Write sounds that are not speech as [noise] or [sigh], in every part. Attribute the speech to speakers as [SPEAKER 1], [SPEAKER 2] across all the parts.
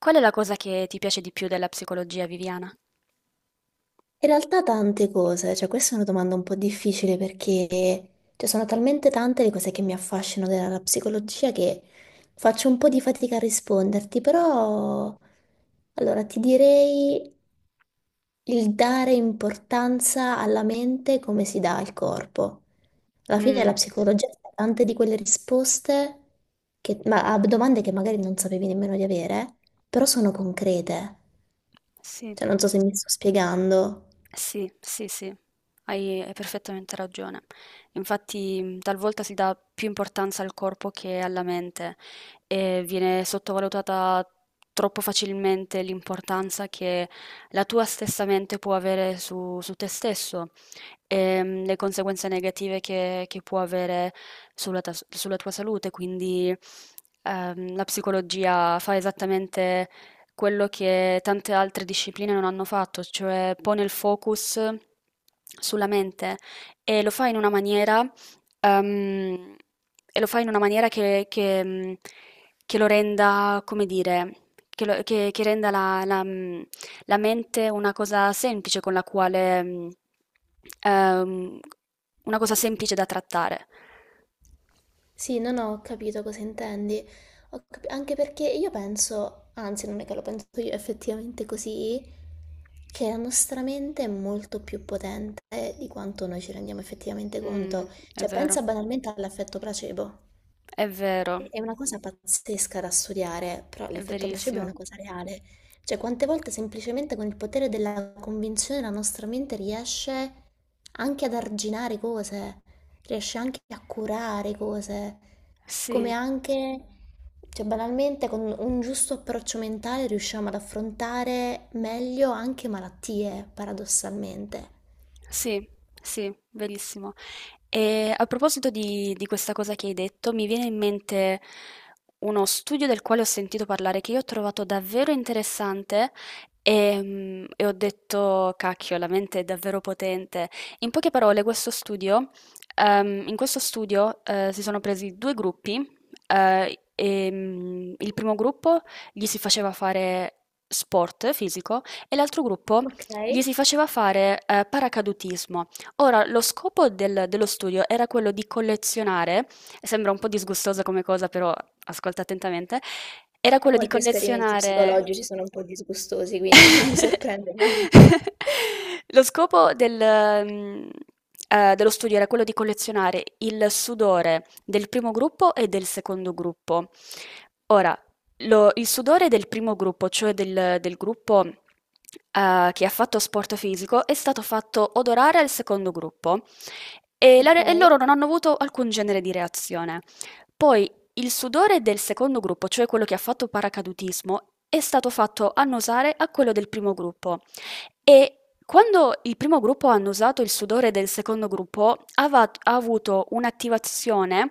[SPEAKER 1] Qual è la cosa che ti piace di più della psicologia, Viviana?
[SPEAKER 2] In realtà tante cose, cioè questa è una domanda un po' difficile perché cioè, sono talmente tante le cose che mi affascinano della psicologia che faccio un po' di fatica a risponderti, però allora ti direi il dare importanza alla mente come si dà al corpo. Alla fine la
[SPEAKER 1] Mm,
[SPEAKER 2] psicologia ha tante di quelle risposte ma a domande che magari non sapevi nemmeno di avere, però sono concrete.
[SPEAKER 1] sì.
[SPEAKER 2] Cioè non so se mi sto spiegando.
[SPEAKER 1] Sì, sì, sì, hai perfettamente ragione. Infatti, talvolta si dà più importanza al corpo che alla mente e viene sottovalutata troppo facilmente l'importanza che la tua stessa mente può avere su te stesso e le conseguenze negative che può avere sulla tua salute. Quindi, la psicologia fa esattamente quello che tante altre discipline non hanno fatto, cioè pone il focus sulla mente e lo fa in una maniera, ehm, e lo fa in una maniera che lo renda, come dire, che renda la mente ehm, una cosa semplice da trattare.
[SPEAKER 2] Sì, non ho capito cosa intendi. Anche perché io penso, anzi non è che lo penso io, è effettivamente così, che la nostra mente è molto più potente di quanto noi ci rendiamo effettivamente
[SPEAKER 1] Mm,
[SPEAKER 2] conto.
[SPEAKER 1] è
[SPEAKER 2] Cioè,
[SPEAKER 1] vero,
[SPEAKER 2] pensa banalmente all'effetto placebo.
[SPEAKER 1] è
[SPEAKER 2] È
[SPEAKER 1] vero,
[SPEAKER 2] è una cosa pazzesca da studiare, però
[SPEAKER 1] è
[SPEAKER 2] l'effetto placebo è
[SPEAKER 1] verissimo.
[SPEAKER 2] una cosa reale. Cioè, quante volte semplicemente con il potere della convinzione la nostra mente riesce anche ad arginare cose, riesce anche a curare cose, come
[SPEAKER 1] Sì.
[SPEAKER 2] anche, cioè, banalmente con un giusto approccio mentale riusciamo ad affrontare meglio anche malattie, paradossalmente.
[SPEAKER 1] Sì, sì, verissimo. E a proposito di questa cosa che hai detto, mi viene in mente uno studio del quale ho sentito parlare che io ho trovato davvero interessante e ho detto, cacchio, la mente è davvero potente. In poche parole, in questo studio si sono presi due gruppi. E il primo gruppo gli si faceva fare sport fisico e l'altro gruppo
[SPEAKER 2] Ok,
[SPEAKER 1] gli
[SPEAKER 2] e
[SPEAKER 1] si faceva fare paracadutismo. Ora, lo scopo dello studio era quello di collezionare, sembra un po' disgustosa come cosa, però ascolta attentamente, era quello di
[SPEAKER 2] molti esperimenti
[SPEAKER 1] collezionare...
[SPEAKER 2] psicologici sono un po' disgustosi, quindi non mi
[SPEAKER 1] [laughs]
[SPEAKER 2] sorprende molto. [laughs]
[SPEAKER 1] Lo scopo dello studio era quello di collezionare il sudore del primo gruppo e del secondo gruppo. Ora, lo il sudore del primo gruppo, cioè del gruppo, che ha fatto sport fisico, è stato fatto odorare al secondo gruppo e la
[SPEAKER 2] Ok.
[SPEAKER 1] re e loro non hanno avuto alcun genere di reazione. Poi il sudore del secondo gruppo, cioè quello che ha fatto paracadutismo, è stato fatto annusare a quello del primo gruppo e quando il primo gruppo ha annusato il sudore del secondo gruppo, ha avuto un'attivazione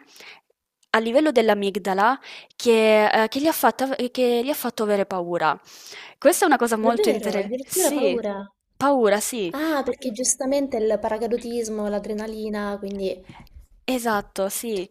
[SPEAKER 1] a livello dell'amigdala che, che gli ha fatto avere paura. Questa è una cosa molto
[SPEAKER 2] Davvero,
[SPEAKER 1] interessante.
[SPEAKER 2] addirittura
[SPEAKER 1] Sì,
[SPEAKER 2] paura.
[SPEAKER 1] paura, sì.
[SPEAKER 2] Ah, perché giustamente il paracadutismo, l'adrenalina, quindi...
[SPEAKER 1] Esatto, sì.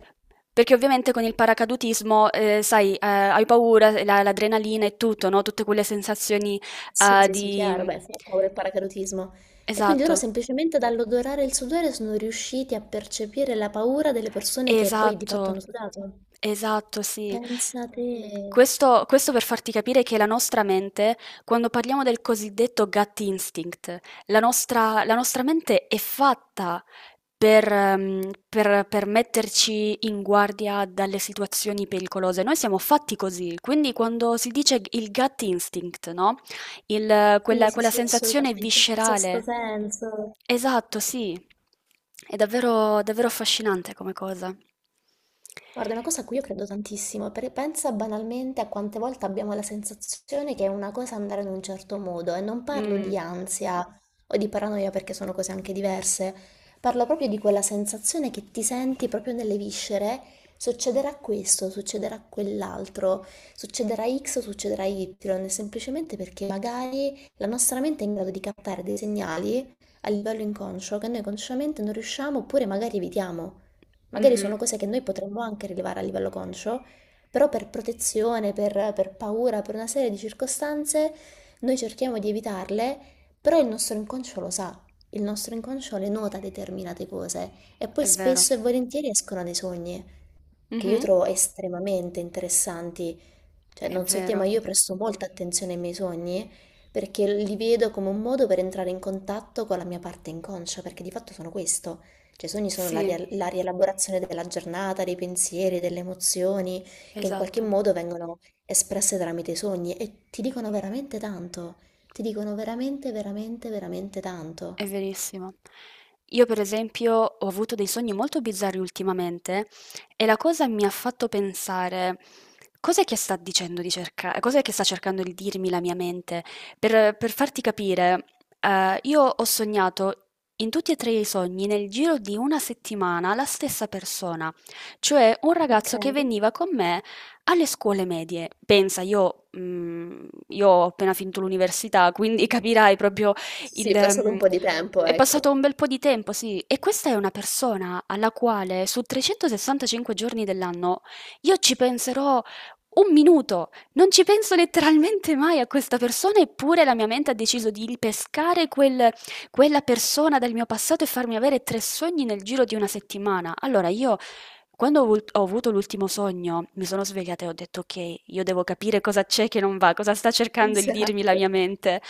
[SPEAKER 1] Perché ovviamente con il paracadutismo, sai, hai paura, l'adrenalina e tutto, no? Tutte quelle sensazioni,
[SPEAKER 2] Sì,
[SPEAKER 1] eh,
[SPEAKER 2] sì, sì,
[SPEAKER 1] di...
[SPEAKER 2] chiaro, beh,
[SPEAKER 1] mm,
[SPEAKER 2] fa paura il paracadutismo. E quindi loro
[SPEAKER 1] Esatto.
[SPEAKER 2] semplicemente dall'odorare il sudore sono riusciti a percepire la paura delle persone che poi di fatto
[SPEAKER 1] Esatto,
[SPEAKER 2] hanno sudato.
[SPEAKER 1] esatto, sì.
[SPEAKER 2] Pensate.
[SPEAKER 1] Questo per farti capire che la nostra mente, quando parliamo del cosiddetto gut instinct, la nostra mente è fatta per metterci in guardia dalle situazioni pericolose. Noi siamo fatti così, quindi quando si dice il gut instinct, no? Il-
[SPEAKER 2] Sì,
[SPEAKER 1] quella,
[SPEAKER 2] sì,
[SPEAKER 1] quella
[SPEAKER 2] sì,
[SPEAKER 1] sensazione
[SPEAKER 2] assolutamente. Il sesto
[SPEAKER 1] viscerale.
[SPEAKER 2] senso.
[SPEAKER 1] Esatto, sì. È davvero, davvero affascinante come cosa.
[SPEAKER 2] Guarda, è una cosa a cui io credo tantissimo, perché pensa banalmente a quante volte abbiamo la sensazione che è una cosa andare in un certo modo, e non parlo
[SPEAKER 1] Mm,
[SPEAKER 2] di ansia o di paranoia perché sono cose anche diverse, parlo proprio di quella sensazione che ti senti proprio nelle viscere, succederà questo, succederà quell'altro, succederà X, o succederà Y, semplicemente perché magari la nostra mente è in grado di captare dei segnali a livello inconscio che noi consciamente non riusciamo oppure magari evitiamo. Magari
[SPEAKER 1] mhm,
[SPEAKER 2] sono cose che noi potremmo anche rilevare a livello conscio, però per protezione, per paura, per una serie di circostanze, noi cerchiamo di evitarle, però il nostro inconscio lo sa, il nostro inconscio le nota determinate cose e poi
[SPEAKER 1] è vero.
[SPEAKER 2] spesso e volentieri escono dai sogni che io
[SPEAKER 1] Mhm,
[SPEAKER 2] trovo estremamente interessanti. Cioè,
[SPEAKER 1] è
[SPEAKER 2] non so te, ma
[SPEAKER 1] vero.
[SPEAKER 2] io presto molta attenzione ai miei sogni perché li vedo come un modo per entrare in contatto con la mia parte inconscia, perché di fatto sono questo. Cioè, i sogni sono la,
[SPEAKER 1] Sì,
[SPEAKER 2] ria- la rielaborazione della giornata, dei pensieri, delle emozioni, che in qualche
[SPEAKER 1] esatto.
[SPEAKER 2] modo vengono espresse tramite i sogni e ti dicono veramente tanto. Ti dicono veramente, veramente, veramente
[SPEAKER 1] È
[SPEAKER 2] tanto.
[SPEAKER 1] verissimo. Io per esempio ho avuto dei sogni molto bizzarri ultimamente e la cosa mi ha fatto pensare cos'è che sta dicendo di cercare, cos'è che sta cercando di dirmi la mia mente. Per farti capire, io ho sognato in tutti e 3 i sogni nel giro di 1 settimana la stessa persona, cioè un
[SPEAKER 2] Ok.
[SPEAKER 1] ragazzo che veniva con me alle scuole medie. Pensa, io ho appena finito l'università, quindi [laughs] capirai proprio
[SPEAKER 2] Sì,
[SPEAKER 1] il
[SPEAKER 2] sì, è passato
[SPEAKER 1] mhmm,
[SPEAKER 2] un po' di tempo,
[SPEAKER 1] è
[SPEAKER 2] ecco.
[SPEAKER 1] passato un bel po' di tempo, sì, e questa è una persona alla quale su 365 giorni dell'anno io ci penserò un minuto, non ci penso letteralmente mai a questa persona, eppure la mia mente ha deciso di ripescare quella persona dal mio passato e farmi avere tre sogni nel giro di una settimana. Allora io quando ho avuto l'ultimo sogno, mi sono svegliata e ho detto: "Okay, io devo capire cosa c'è che non va, cosa sta cercando di dirmi la
[SPEAKER 2] Esatto,
[SPEAKER 1] mia mente".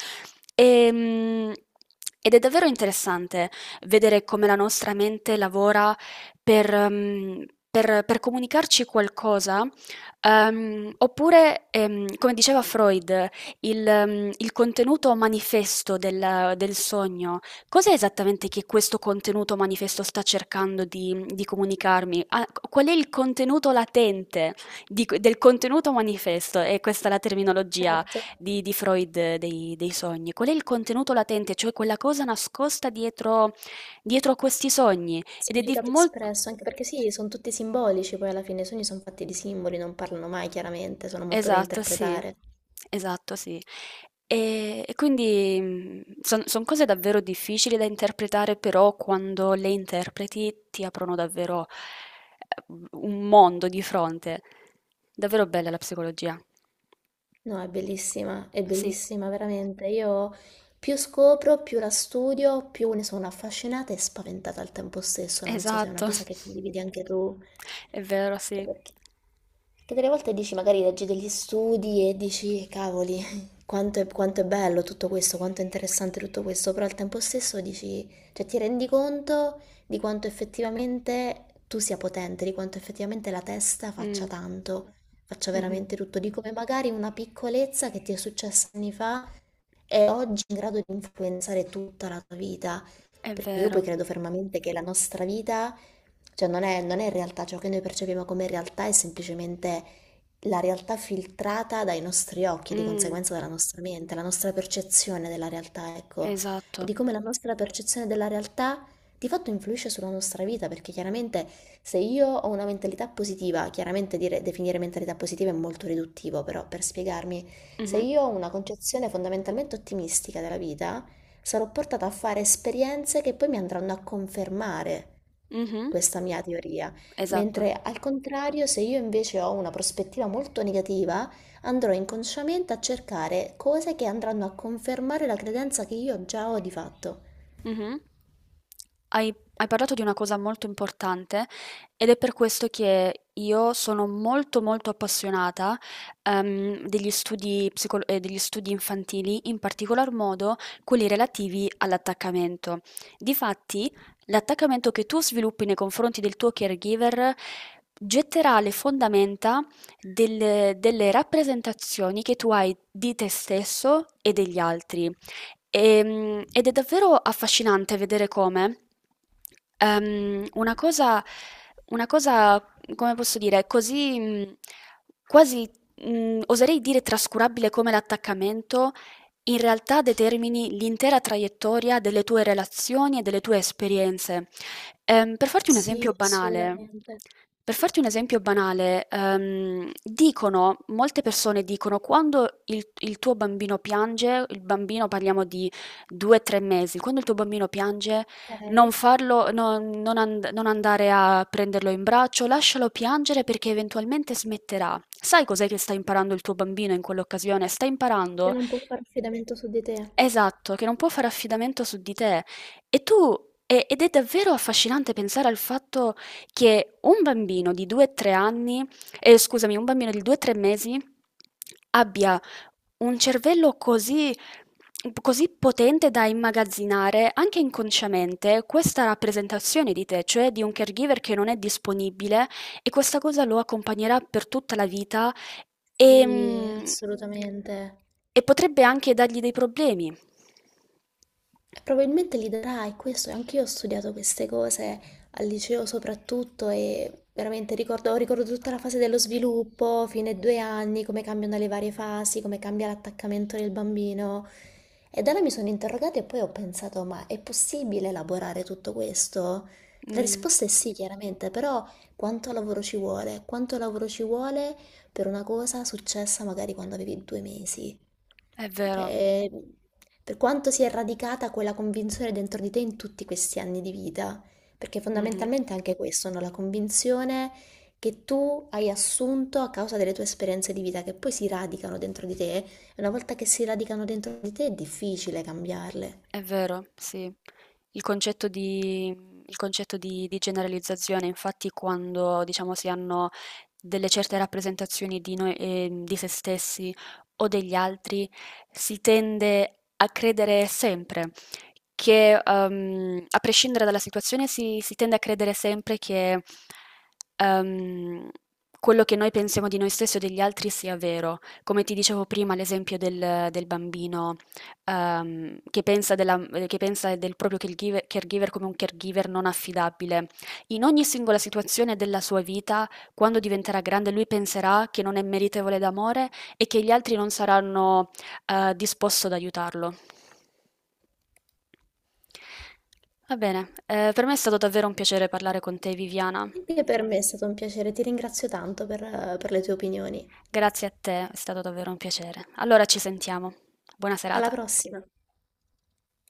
[SPEAKER 1] Ehm, ed è davvero interessante vedere come la nostra mente lavora per comunicarci qualcosa, oppure, come diceva Freud, il contenuto manifesto del sogno. Cos'è esattamente che questo contenuto manifesto sta cercando di comunicarmi? Ah, qual è il contenuto latente del contenuto manifesto? E questa è la terminologia
[SPEAKER 2] certo.
[SPEAKER 1] di Freud dei sogni, qual è il contenuto latente, cioè quella cosa nascosta dietro, dietro a questi sogni. Ed è di
[SPEAKER 2] Significato
[SPEAKER 1] molto...
[SPEAKER 2] espresso, anche perché sì, sono tutti simbolici, poi alla fine i sogni sono fatti di simboli, non parlano mai chiaramente, sono molto da
[SPEAKER 1] Esatto, sì,
[SPEAKER 2] interpretare.
[SPEAKER 1] esatto, sì. E quindi sono cose davvero difficili da interpretare, però quando le interpreti ti aprono davvero eh, un mondo di fronte. Davvero bella la psicologia.
[SPEAKER 2] No, è
[SPEAKER 1] Sì,
[SPEAKER 2] bellissima veramente. Io più scopro, più la studio, più ne sono affascinata e spaventata al tempo stesso. Non so se è una
[SPEAKER 1] esatto.
[SPEAKER 2] cosa che condividi anche tu.
[SPEAKER 1] [laughs] È vero,
[SPEAKER 2] Anche
[SPEAKER 1] sì.
[SPEAKER 2] perché, perché delle volte dici, magari leggi degli studi e dici, cavoli, [laughs] quanto è bello tutto questo, quanto è interessante tutto questo, però al tempo stesso dici, cioè ti rendi conto di quanto effettivamente tu sia potente, di quanto effettivamente la testa faccia
[SPEAKER 1] Mm.
[SPEAKER 2] tanto, faccia
[SPEAKER 1] Mh-mh.
[SPEAKER 2] veramente tutto, di come magari una piccolezza che ti è successa anni fa è oggi in grado di influenzare tutta la tua vita,
[SPEAKER 1] È
[SPEAKER 2] perché io poi
[SPEAKER 1] vero.
[SPEAKER 2] credo fermamente che la nostra vita, cioè non è realtà, ciò che noi percepiamo come realtà è semplicemente la realtà filtrata dai nostri occhi, di
[SPEAKER 1] Mh,
[SPEAKER 2] conseguenza dalla nostra mente, la nostra percezione della realtà, ecco, e
[SPEAKER 1] esatto.
[SPEAKER 2] di come la nostra percezione della realtà di fatto influisce sulla nostra vita, perché chiaramente se io ho una mentalità positiva, chiaramente definire mentalità positiva è molto riduttivo, però per spiegarmi, se
[SPEAKER 1] Mh-mh.
[SPEAKER 2] io ho una concezione fondamentalmente ottimistica della vita, sarò portata a fare esperienze che poi mi andranno a confermare
[SPEAKER 1] Mh-mh.
[SPEAKER 2] questa mia teoria,
[SPEAKER 1] Esatto.
[SPEAKER 2] mentre al contrario, se io invece ho una prospettiva molto negativa, andrò inconsciamente a cercare cose che andranno a confermare la credenza che io già ho di fatto.
[SPEAKER 1] Mh-mh. Hai Hai parlato di una cosa molto importante ed è per questo che io sono molto, molto appassionata, degli studi infantili, in particolar modo quelli relativi all'attaccamento. Difatti, l'attaccamento che tu sviluppi nei confronti del tuo caregiver getterà le fondamenta delle rappresentazioni che tu hai di te stesso e degli altri. Ed è davvero affascinante vedere come ehm, una cosa, una cosa, come posso dire, così quasi, oserei dire trascurabile come l'attaccamento, in realtà determini l'intera traiettoria delle tue relazioni e delle tue esperienze. Ehm, per farti un esempio
[SPEAKER 2] Sì,
[SPEAKER 1] banale,
[SPEAKER 2] assolutamente.
[SPEAKER 1] per farti un esempio banale, dicono, molte persone dicono, quando il tuo bambino piange, il bambino parliamo di 2-3 mesi, quando il tuo bambino piange, non,
[SPEAKER 2] Ok?
[SPEAKER 1] farlo, non andare a prenderlo in braccio, lascialo piangere perché eventualmente smetterà. Sai cos'è che sta imparando il tuo bambino in quell'occasione? Sta
[SPEAKER 2] Che
[SPEAKER 1] imparando.
[SPEAKER 2] non può fare affidamento su di te.
[SPEAKER 1] Esatto, che non può fare affidamento su di te. E tu, ed è davvero affascinante pensare al fatto che un bambino di 2-3 anni, scusami, un bambino di 2-3 mesi abbia un cervello così, così potente da immagazzinare anche inconsciamente questa rappresentazione di te, cioè di un caregiver che non è disponibile e questa cosa lo accompagnerà per tutta la vita.
[SPEAKER 2] Sì,
[SPEAKER 1] Ehm,
[SPEAKER 2] assolutamente.
[SPEAKER 1] e potrebbe anche dargli dei problemi.
[SPEAKER 2] E probabilmente li darai, questo, anche io ho studiato queste cose al liceo soprattutto e veramente ricordo, ricordo tutta la fase dello sviluppo, fine ai 2 anni, come cambiano le varie fasi, come cambia l'attaccamento del bambino. E da là mi sono interrogata e poi ho pensato, ma è possibile elaborare tutto questo? La
[SPEAKER 1] Mh,
[SPEAKER 2] risposta è sì, chiaramente, però quanto lavoro ci vuole? Quanto lavoro ci vuole per una cosa successa magari quando avevi 2 mesi?
[SPEAKER 1] è vero.
[SPEAKER 2] Cioè, per quanto sia radicata quella convinzione dentro di te in tutti questi anni di vita, perché
[SPEAKER 1] Mh-mh.
[SPEAKER 2] fondamentalmente è anche questo, no? La convinzione che tu hai assunto a causa delle tue esperienze di vita, che poi si radicano dentro di te, e una volta che si radicano dentro di te è difficile cambiarle.
[SPEAKER 1] È vero, sì. Il concetto di, il concetto di generalizzazione, infatti, quando diciamo si hanno delle certe rappresentazioni di noi, di se stessi o degli altri, si tende a credere sempre che, a prescindere dalla situazione, si tende a credere sempre che, ehm, quello che noi pensiamo di noi stessi o degli altri sia vero. Come ti dicevo prima, l'esempio del bambino ehm, che pensa, della- che pensa del proprio caregiver, come un caregiver non affidabile. In ogni singola situazione della sua vita, quando diventerà grande, lui penserà che non è meritevole d'amore e che gli altri non saranno, disposti ad aiutarlo. Va bene, per me è stato davvero un piacere parlare con te, Viviana.
[SPEAKER 2] Anche per me è stato un piacere, ti ringrazio tanto per le tue opinioni.
[SPEAKER 1] Grazie a te, è stato davvero un piacere. Allora ci sentiamo. Buona
[SPEAKER 2] Alla
[SPEAKER 1] serata.
[SPEAKER 2] prossima!